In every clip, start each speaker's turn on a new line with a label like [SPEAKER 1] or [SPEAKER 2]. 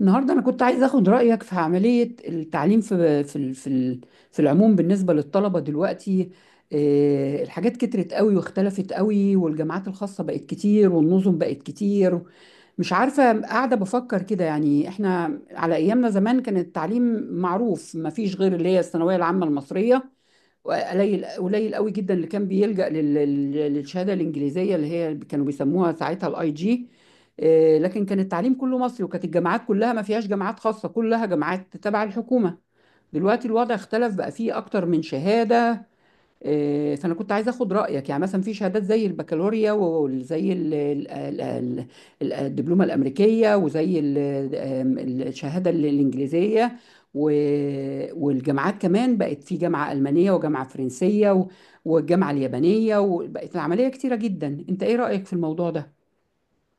[SPEAKER 1] النهارده انا كنت عايز اخد رايك في عمليه التعليم في العموم بالنسبه للطلبه دلوقتي. الحاجات كترت قوي واختلفت قوي، والجامعات الخاصه بقت كتير، والنظم بقت كتير. مش عارفه، قاعده بفكر كده. يعني احنا على ايامنا زمان كان التعليم معروف، ما فيش غير اللي هي الثانويه العامه المصريه. قليل قليل قوي جدا اللي كان بيلجأ للشهاده الانجليزيه اللي هي كانوا بيسموها ساعتها الاي جي، لكن كان التعليم كله مصري، وكانت الجامعات كلها ما فيهاش جامعات خاصه، كلها جامعات تبع الحكومه. دلوقتي الوضع اختلف، بقى فيه اكتر من شهاده. فانا كنت عايزه اخد رايك، يعني مثلا في شهادات زي البكالوريا، وزي الدبلومه الامريكيه، وزي ال- آم، الشهاده الانجليزيه، و- والجامعات كمان بقت في جامعه المانيه، وجامعه فرنسيه، والجامعه اليابانيه، وبقت العمليه كتيره جدا. انت ايه رايك في الموضوع ده؟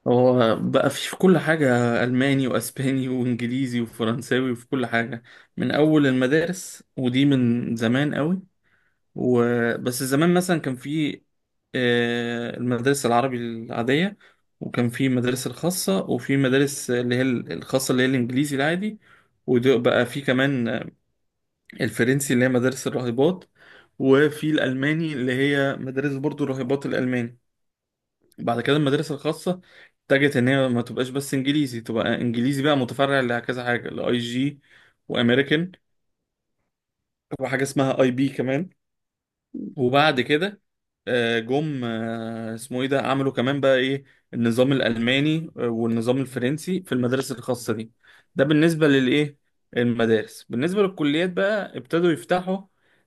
[SPEAKER 2] هو بقى في كل حاجة. ألماني وأسباني وإنجليزي وفرنساوي وفي كل حاجة من أول المدارس، ودي من زمان قوي. وبس زمان مثلا كان في المدارس العربي العادية، وكان في المدارس الخاصة، وفي مدارس اللي هي الخاصة اللي هي الإنجليزي العادي. وبقى في كمان الفرنسي اللي هي مدارس الراهبات، وفي الألماني اللي هي مدارس برضو الراهبات الألماني. بعد كده المدارس الخاصة اتجهت ان هي ما تبقاش بس انجليزي، تبقى انجليزي بقى متفرع لكذا حاجة: لاي جي، وامريكان، وحاجة اسمها اي بي كمان. وبعد كده آه، جم آه، اسمه ايه ده، عملوا كمان بقى ايه، النظام الالماني والنظام الفرنسي في المدارس الخاصه دي. ده بالنسبه للايه المدارس. بالنسبه للكليات بقى ابتدوا يفتحوا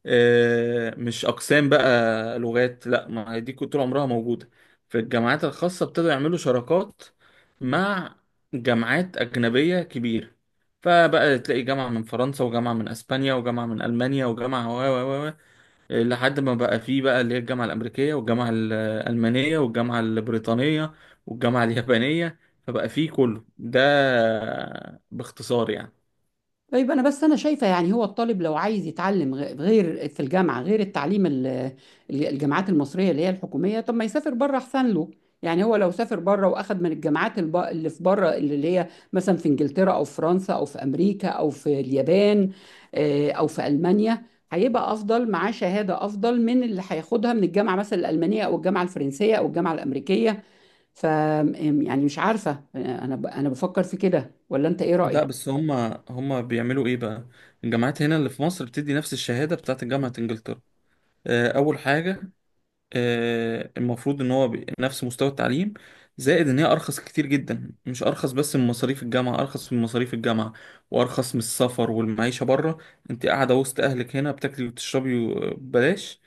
[SPEAKER 2] مش اقسام بقى لغات، لا، ما هي دي كنت طول عمرها موجوده. في الجامعات الخاصه ابتدوا يعملوا شراكات مع جامعات اجنبيه كبيره، فبقى تلاقي جامعه من فرنسا، وجامعه من اسبانيا، وجامعه من المانيا، وجامعه و و و، لحد ما بقى فيه بقى اللي هي الجامعة الأمريكية، والجامعة الألمانية، والجامعة البريطانية، والجامعة اليابانية. فبقى فيه كله ده، باختصار يعني.
[SPEAKER 1] طيب، انا بس شايفه، يعني هو الطالب لو عايز يتعلم غير في الجامعه، غير التعليم الجامعات المصريه اللي هي الحكوميه، طب ما يسافر بره احسن له. يعني هو لو سافر بره واخد من الجامعات اللي في بره، اللي هي مثلا في انجلترا او في فرنسا او في امريكا او في اليابان، او في المانيا، هيبقى افضل، معاه شهاده افضل من اللي هياخدها من الجامعه مثلا الالمانيه او الجامعه الفرنسيه او الجامعه الامريكيه. ف يعني مش عارفه، انا بفكر في كده، ولا انت ايه رايك؟
[SPEAKER 2] لا بس هما بيعملوا ايه بقى، الجامعات هنا اللي في مصر بتدي نفس الشهادة بتاعت جامعة انجلترا. أول حاجة، المفروض ان هو نفس مستوى التعليم. زائد ان هي ارخص كتير جدا، مش ارخص بس من مصاريف الجامعه، ارخص من مصاريف الجامعه وارخص من السفر والمعيشه بره. انت قاعده وسط اهلك هنا، بتاكلي وتشربي ببلاش،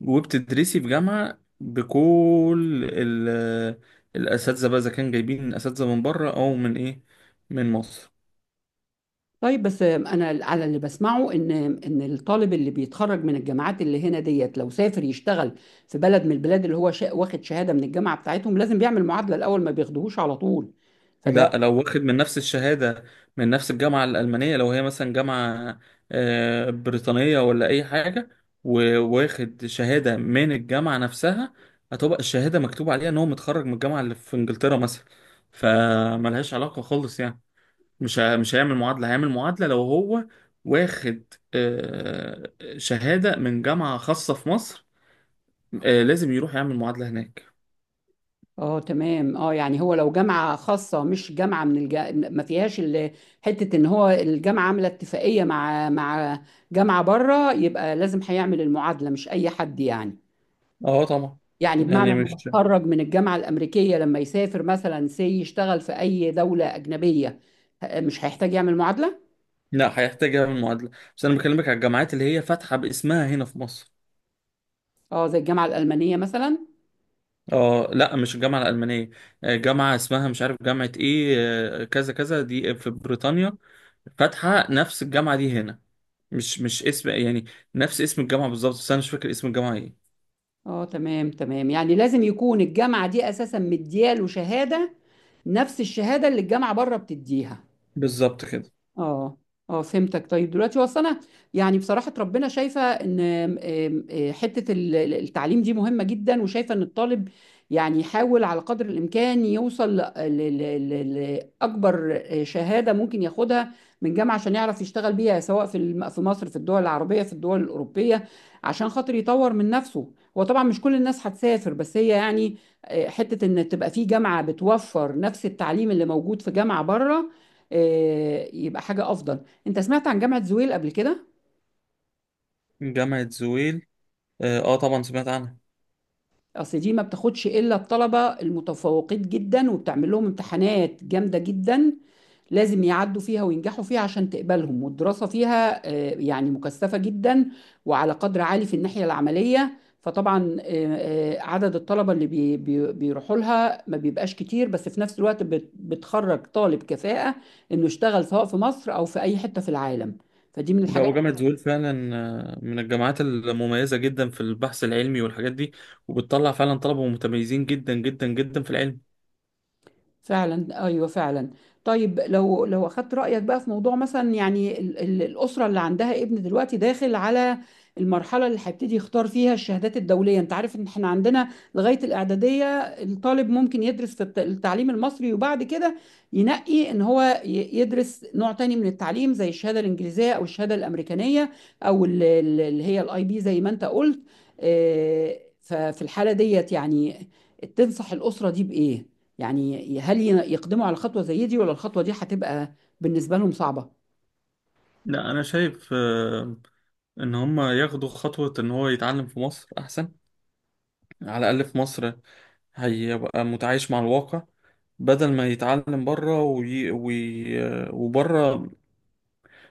[SPEAKER 2] وبتدرسي في جامعه بكل الاساتذه بقى، اذا كان جايبين اساتذه من بره او من ايه، من مصر.
[SPEAKER 1] طيب، بس انا على اللي بسمعه ان الطالب اللي بيتخرج من الجامعات اللي هنا ديت، لو سافر يشتغل في بلد من البلاد اللي هو واخد شهاده من الجامعه بتاعتهم، لازم بيعمل معادله الاول، ما بياخدوهوش على طول. فده
[SPEAKER 2] لا لو واخد من نفس الشهادة، من نفس الجامعة الألمانية، لو هي مثلا جامعة بريطانية ولا أي حاجة، وواخد شهادة من الجامعة نفسها، هتبقى الشهادة مكتوب عليها إن هو متخرج من الجامعة اللي في إنجلترا مثلا. فملهاش علاقة خالص يعني. مش هيعمل معادلة. هيعمل معادلة لو هو واخد شهادة من جامعة خاصة في مصر، لازم يروح يعمل معادلة هناك.
[SPEAKER 1] اه، تمام. اه يعني هو لو جامعه خاصه، مش جامعه من الج... ما فيهاش ال... حته ان هو الجامعه عامله اتفاقيه مع جامعه بره، يبقى لازم هيعمل المعادله، مش اي حد يعني.
[SPEAKER 2] اه طبعا.
[SPEAKER 1] يعني بمعنى
[SPEAKER 2] يعني
[SPEAKER 1] انه
[SPEAKER 2] مش،
[SPEAKER 1] متخرج من الجامعه الامريكيه، لما يسافر مثلا يشتغل في اي دوله اجنبيه مش هيحتاج يعمل معادله.
[SPEAKER 2] لا، هيحتاج يعمل معادلة، بس أنا بكلمك على الجامعات اللي هي فاتحة باسمها هنا في مصر.
[SPEAKER 1] اه زي الجامعه الالمانيه مثلا.
[SPEAKER 2] اه لا، مش الجامعة الألمانية، جامعة اسمها مش عارف جامعة ايه، كذا كذا دي في بريطانيا، فاتحة نفس الجامعة دي هنا. مش اسم يعني، نفس اسم الجامعة بالظبط، بس أنا مش فاكر اسم الجامعة ايه.
[SPEAKER 1] اه تمام تمام. يعني لازم يكون الجامعه دي اساسا مدياله شهاده نفس الشهاده اللي الجامعه بره بتديها.
[SPEAKER 2] بالظبط كده.
[SPEAKER 1] اه. اه فهمتك. طيب دلوقتي هو أصل انا يعني بصراحه ربنا شايفه ان آم، آم، آه، حته التعليم دي مهمه جدا، وشايفه ان الطالب يعني يحاول على قدر الامكان يوصل لاكبر شهاده ممكن ياخدها من جامعه، عشان يعرف يشتغل بيها، سواء في في مصر، في الدول العربيه، في الدول الاوروبيه، عشان خاطر يطور من نفسه. هو طبعا مش كل الناس هتسافر، بس هي يعني، حته ان تبقى في جامعه بتوفر نفس التعليم اللي موجود في جامعه بره، يبقى حاجة أفضل. أنت سمعت عن جامعة زويل قبل كده؟
[SPEAKER 2] جامعة زويل؟ اه طبعا سمعت عنها.
[SPEAKER 1] أصل دي ما بتاخدش إلا الطلبة المتفوقين جدا، وبتعمل لهم امتحانات جامدة جدا لازم يعدوا فيها وينجحوا فيها عشان تقبلهم. والدراسة فيها يعني مكثفة جدا، وعلى قدر عالي في الناحية العملية. فطبعا عدد الطلبة اللي بيروحوا لها ما بيبقاش كتير، بس في نفس الوقت بتخرج طالب كفاءة إنه يشتغل سواء في مصر أو في أي حتة في العالم. فدي من
[SPEAKER 2] لا،
[SPEAKER 1] الحاجات.
[SPEAKER 2] وجامعة زويل فعلا من الجامعات المميزة جدا في البحث العلمي والحاجات دي، وبتطلع فعلا طلبة متميزين جدا جدا جدا في العلم.
[SPEAKER 1] فعلا، ايوه فعلا. طيب لو اخدت رايك بقى في موضوع، مثلا يعني الاسره اللي عندها ابن دلوقتي داخل على المرحله اللي هيبتدي يختار فيها الشهادات الدوليه. انت عارف ان احنا عندنا لغايه الاعداديه الطالب ممكن يدرس في التعليم المصري، وبعد كده ينقي ان هو يدرس نوع تاني من التعليم، زي الشهاده الانجليزيه، او الشهاده الامريكانيه، او اللي هي الاي بي زي ما انت قلت. ففي الحاله ديت يعني تنصح الاسره دي بايه؟ يعني هل يقدموا على خطوة زي دي، ولا الخطوة دي هتبقى بالنسبة لهم صعبة؟
[SPEAKER 2] لا انا شايف ان هم ياخدوا خطوة ان هو يتعلم في مصر احسن. على الاقل في مصر هيبقى متعايش مع الواقع، بدل ما يتعلم بره وبره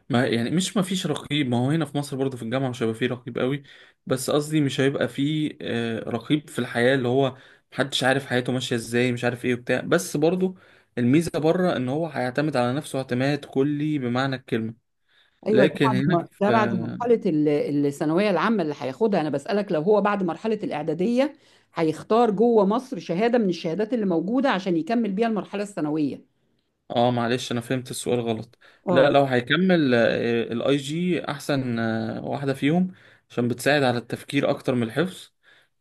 [SPEAKER 2] ما، يعني، مش ما فيش رقيب، ما هو هنا في مصر برضه في الجامعة مش هيبقى فيه رقيب قوي، بس قصدي مش هيبقى فيه رقيب في الحياة اللي هو محدش عارف حياته ماشية ازاي، مش عارف ايه وبتاع. بس برضه الميزة بره ان هو هيعتمد على نفسه اعتماد كلي بمعنى الكلمة.
[SPEAKER 1] أيوه، ده
[SPEAKER 2] لكن
[SPEAKER 1] بعد
[SPEAKER 2] هنا
[SPEAKER 1] ما
[SPEAKER 2] في،
[SPEAKER 1] ده بعد مرحلة الثانوية العامة اللي هياخدها. أنا بسألك لو هو بعد مرحلة الإعدادية هيختار جوه مصر شهادة من الشهادات اللي موجودة عشان يكمل بيها المرحلة الثانوية.
[SPEAKER 2] اه معلش انا فهمت السؤال غلط. لا،
[SPEAKER 1] اه.
[SPEAKER 2] لو هيكمل الاي جي احسن واحدة فيهم، عشان بتساعد على التفكير اكتر من الحفظ.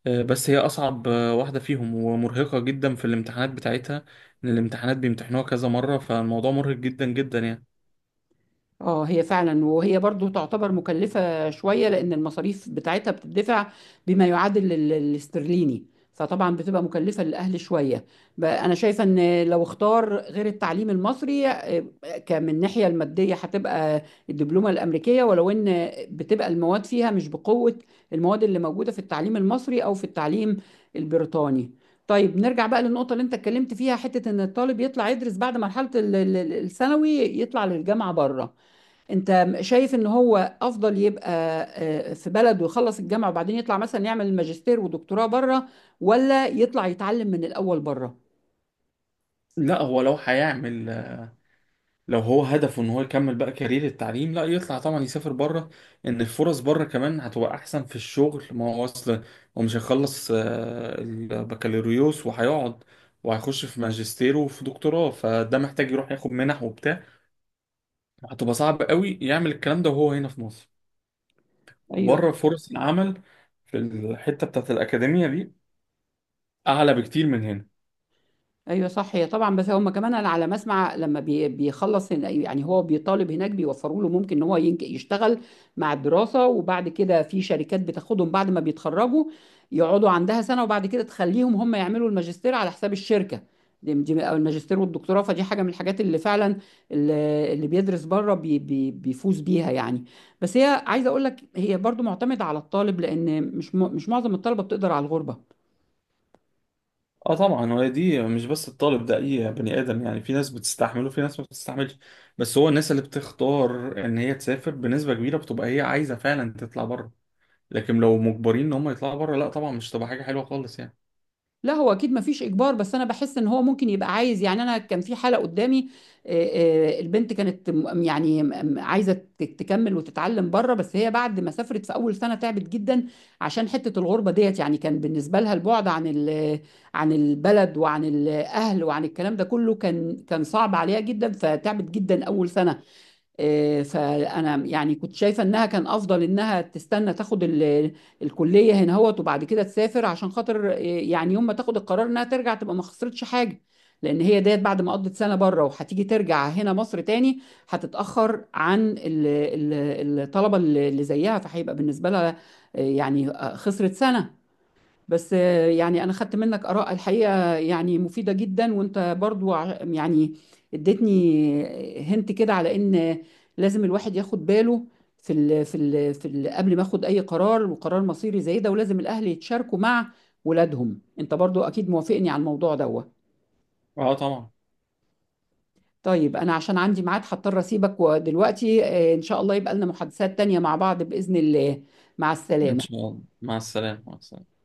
[SPEAKER 2] بس هي اصعب واحدة فيهم، ومرهقة جدا في الامتحانات بتاعتها، ان الامتحانات بيمتحنوها كذا مرة، فالموضوع مرهق جدا جدا يعني.
[SPEAKER 1] اه هي فعلا، وهي برضو تعتبر مكلفة شوية لأن المصاريف بتاعتها بتدفع بما يعادل الاسترليني، فطبعا بتبقى مكلفة للأهل شوية. بقى أنا شايفة إن لو اختار غير التعليم المصري، كمن الناحية المادية هتبقى الدبلومة الأمريكية، ولو إن بتبقى المواد فيها مش بقوة المواد اللي موجودة في التعليم المصري أو في التعليم البريطاني. طيب نرجع بقى للنقطة اللي أنت اتكلمت فيها، حتة إن الطالب يطلع يدرس بعد مرحلة الثانوي، يطلع للجامعة بره. انت شايف ان هو افضل يبقى في بلد ويخلص الجامعة وبعدين يطلع مثلا يعمل ماجستير ودكتوراه بره، ولا يطلع يتعلم من الاول بره؟
[SPEAKER 2] لا هو لو هيعمل، لو هو هدفه ان هو يكمل بقى كارير التعليم، لا يطلع طبعا، يسافر بره، ان الفرص بره كمان هتبقى احسن في الشغل. ما هو اصل هو مش هيخلص البكالوريوس وهيقعد، وهيخش في ماجستير وفي دكتوراه، فده محتاج يروح ياخد منح وبتاع، هتبقى صعب قوي يعمل الكلام ده وهو هنا في مصر.
[SPEAKER 1] ايوه.
[SPEAKER 2] وبره فرص العمل في الحتة بتاعت الأكاديمية دي أعلى بكتير من هنا.
[SPEAKER 1] ايوه صح، هي طبعا. بس هم كمان انا على ما اسمع لما بيخلص هنا، يعني هو بيطالب هناك بيوفروا له، ممكن ان هو يشتغل مع الدراسه. وبعد كده في شركات بتاخدهم بعد ما بيتخرجوا يقعدوا عندها سنه، وبعد كده تخليهم هم يعملوا الماجستير على حساب الشركه دي، او الماجستير والدكتوراه. فدي حاجه من الحاجات اللي فعلا اللي بيدرس بره بي بي بيفوز بيها يعني. بس هي عايزه اقول لك هي برضو معتمده على الطالب، لان مش مش معظم الطلبه بتقدر على الغربه.
[SPEAKER 2] اه طبعا. هو دي مش بس الطالب ده، اي بني ادم يعني، في ناس بتستحمله في ناس ما بتستحملش. بس هو الناس اللي بتختار ان هي تسافر بنسبه كبيره بتبقى هي عايزه فعلا تطلع بره، لكن لو مجبرين ان هم يطلعوا بره، لا طبعا مش تبقى حاجه حلوه خالص يعني.
[SPEAKER 1] لا هو اكيد مفيش اجبار، بس انا بحس ان هو ممكن يبقى عايز، يعني انا كان في حالة قدامي، البنت كانت عايزة تكمل وتتعلم بره، بس هي بعد ما سافرت في اول سنة تعبت جدا عشان حتة الغربة ديت. يعني كان بالنسبة لها البعد عن عن البلد وعن الاهل وعن الكلام ده كله كان صعب عليها جدا، فتعبت جدا اول سنة. فانا يعني كنت شايفه انها كان افضل انها تستنى تاخد الكليه هنا هوت، وبعد كده تسافر، عشان خاطر يعني يوم ما تاخد القرار انها ترجع تبقى ما خسرتش حاجه، لان هي ديت بعد ما قضت سنه بره وهتيجي ترجع هنا مصر تاني هتتاخر عن الطلبه اللي زيها، فهيبقى بالنسبه لها خسرت سنه. بس يعني انا خدت منك اراء الحقيقه يعني مفيده جدا، وانت برضو يعني اديتني هنت كده على ان لازم الواحد ياخد باله في ال قبل ما اخد اي قرار، وقرار مصيري زي ده، ولازم الاهل يتشاركوا مع ولادهم. انت برضو اكيد موافقني على الموضوع دوت.
[SPEAKER 2] اه طبعا.
[SPEAKER 1] طيب انا عشان عندي ميعاد هضطر اسيبك ودلوقتي. ان شاء الله يبقى لنا محادثات تانية مع بعض باذن الله. مع
[SPEAKER 2] ان شاء
[SPEAKER 1] السلامه.
[SPEAKER 2] الله. مع السلامه، مع السلامه.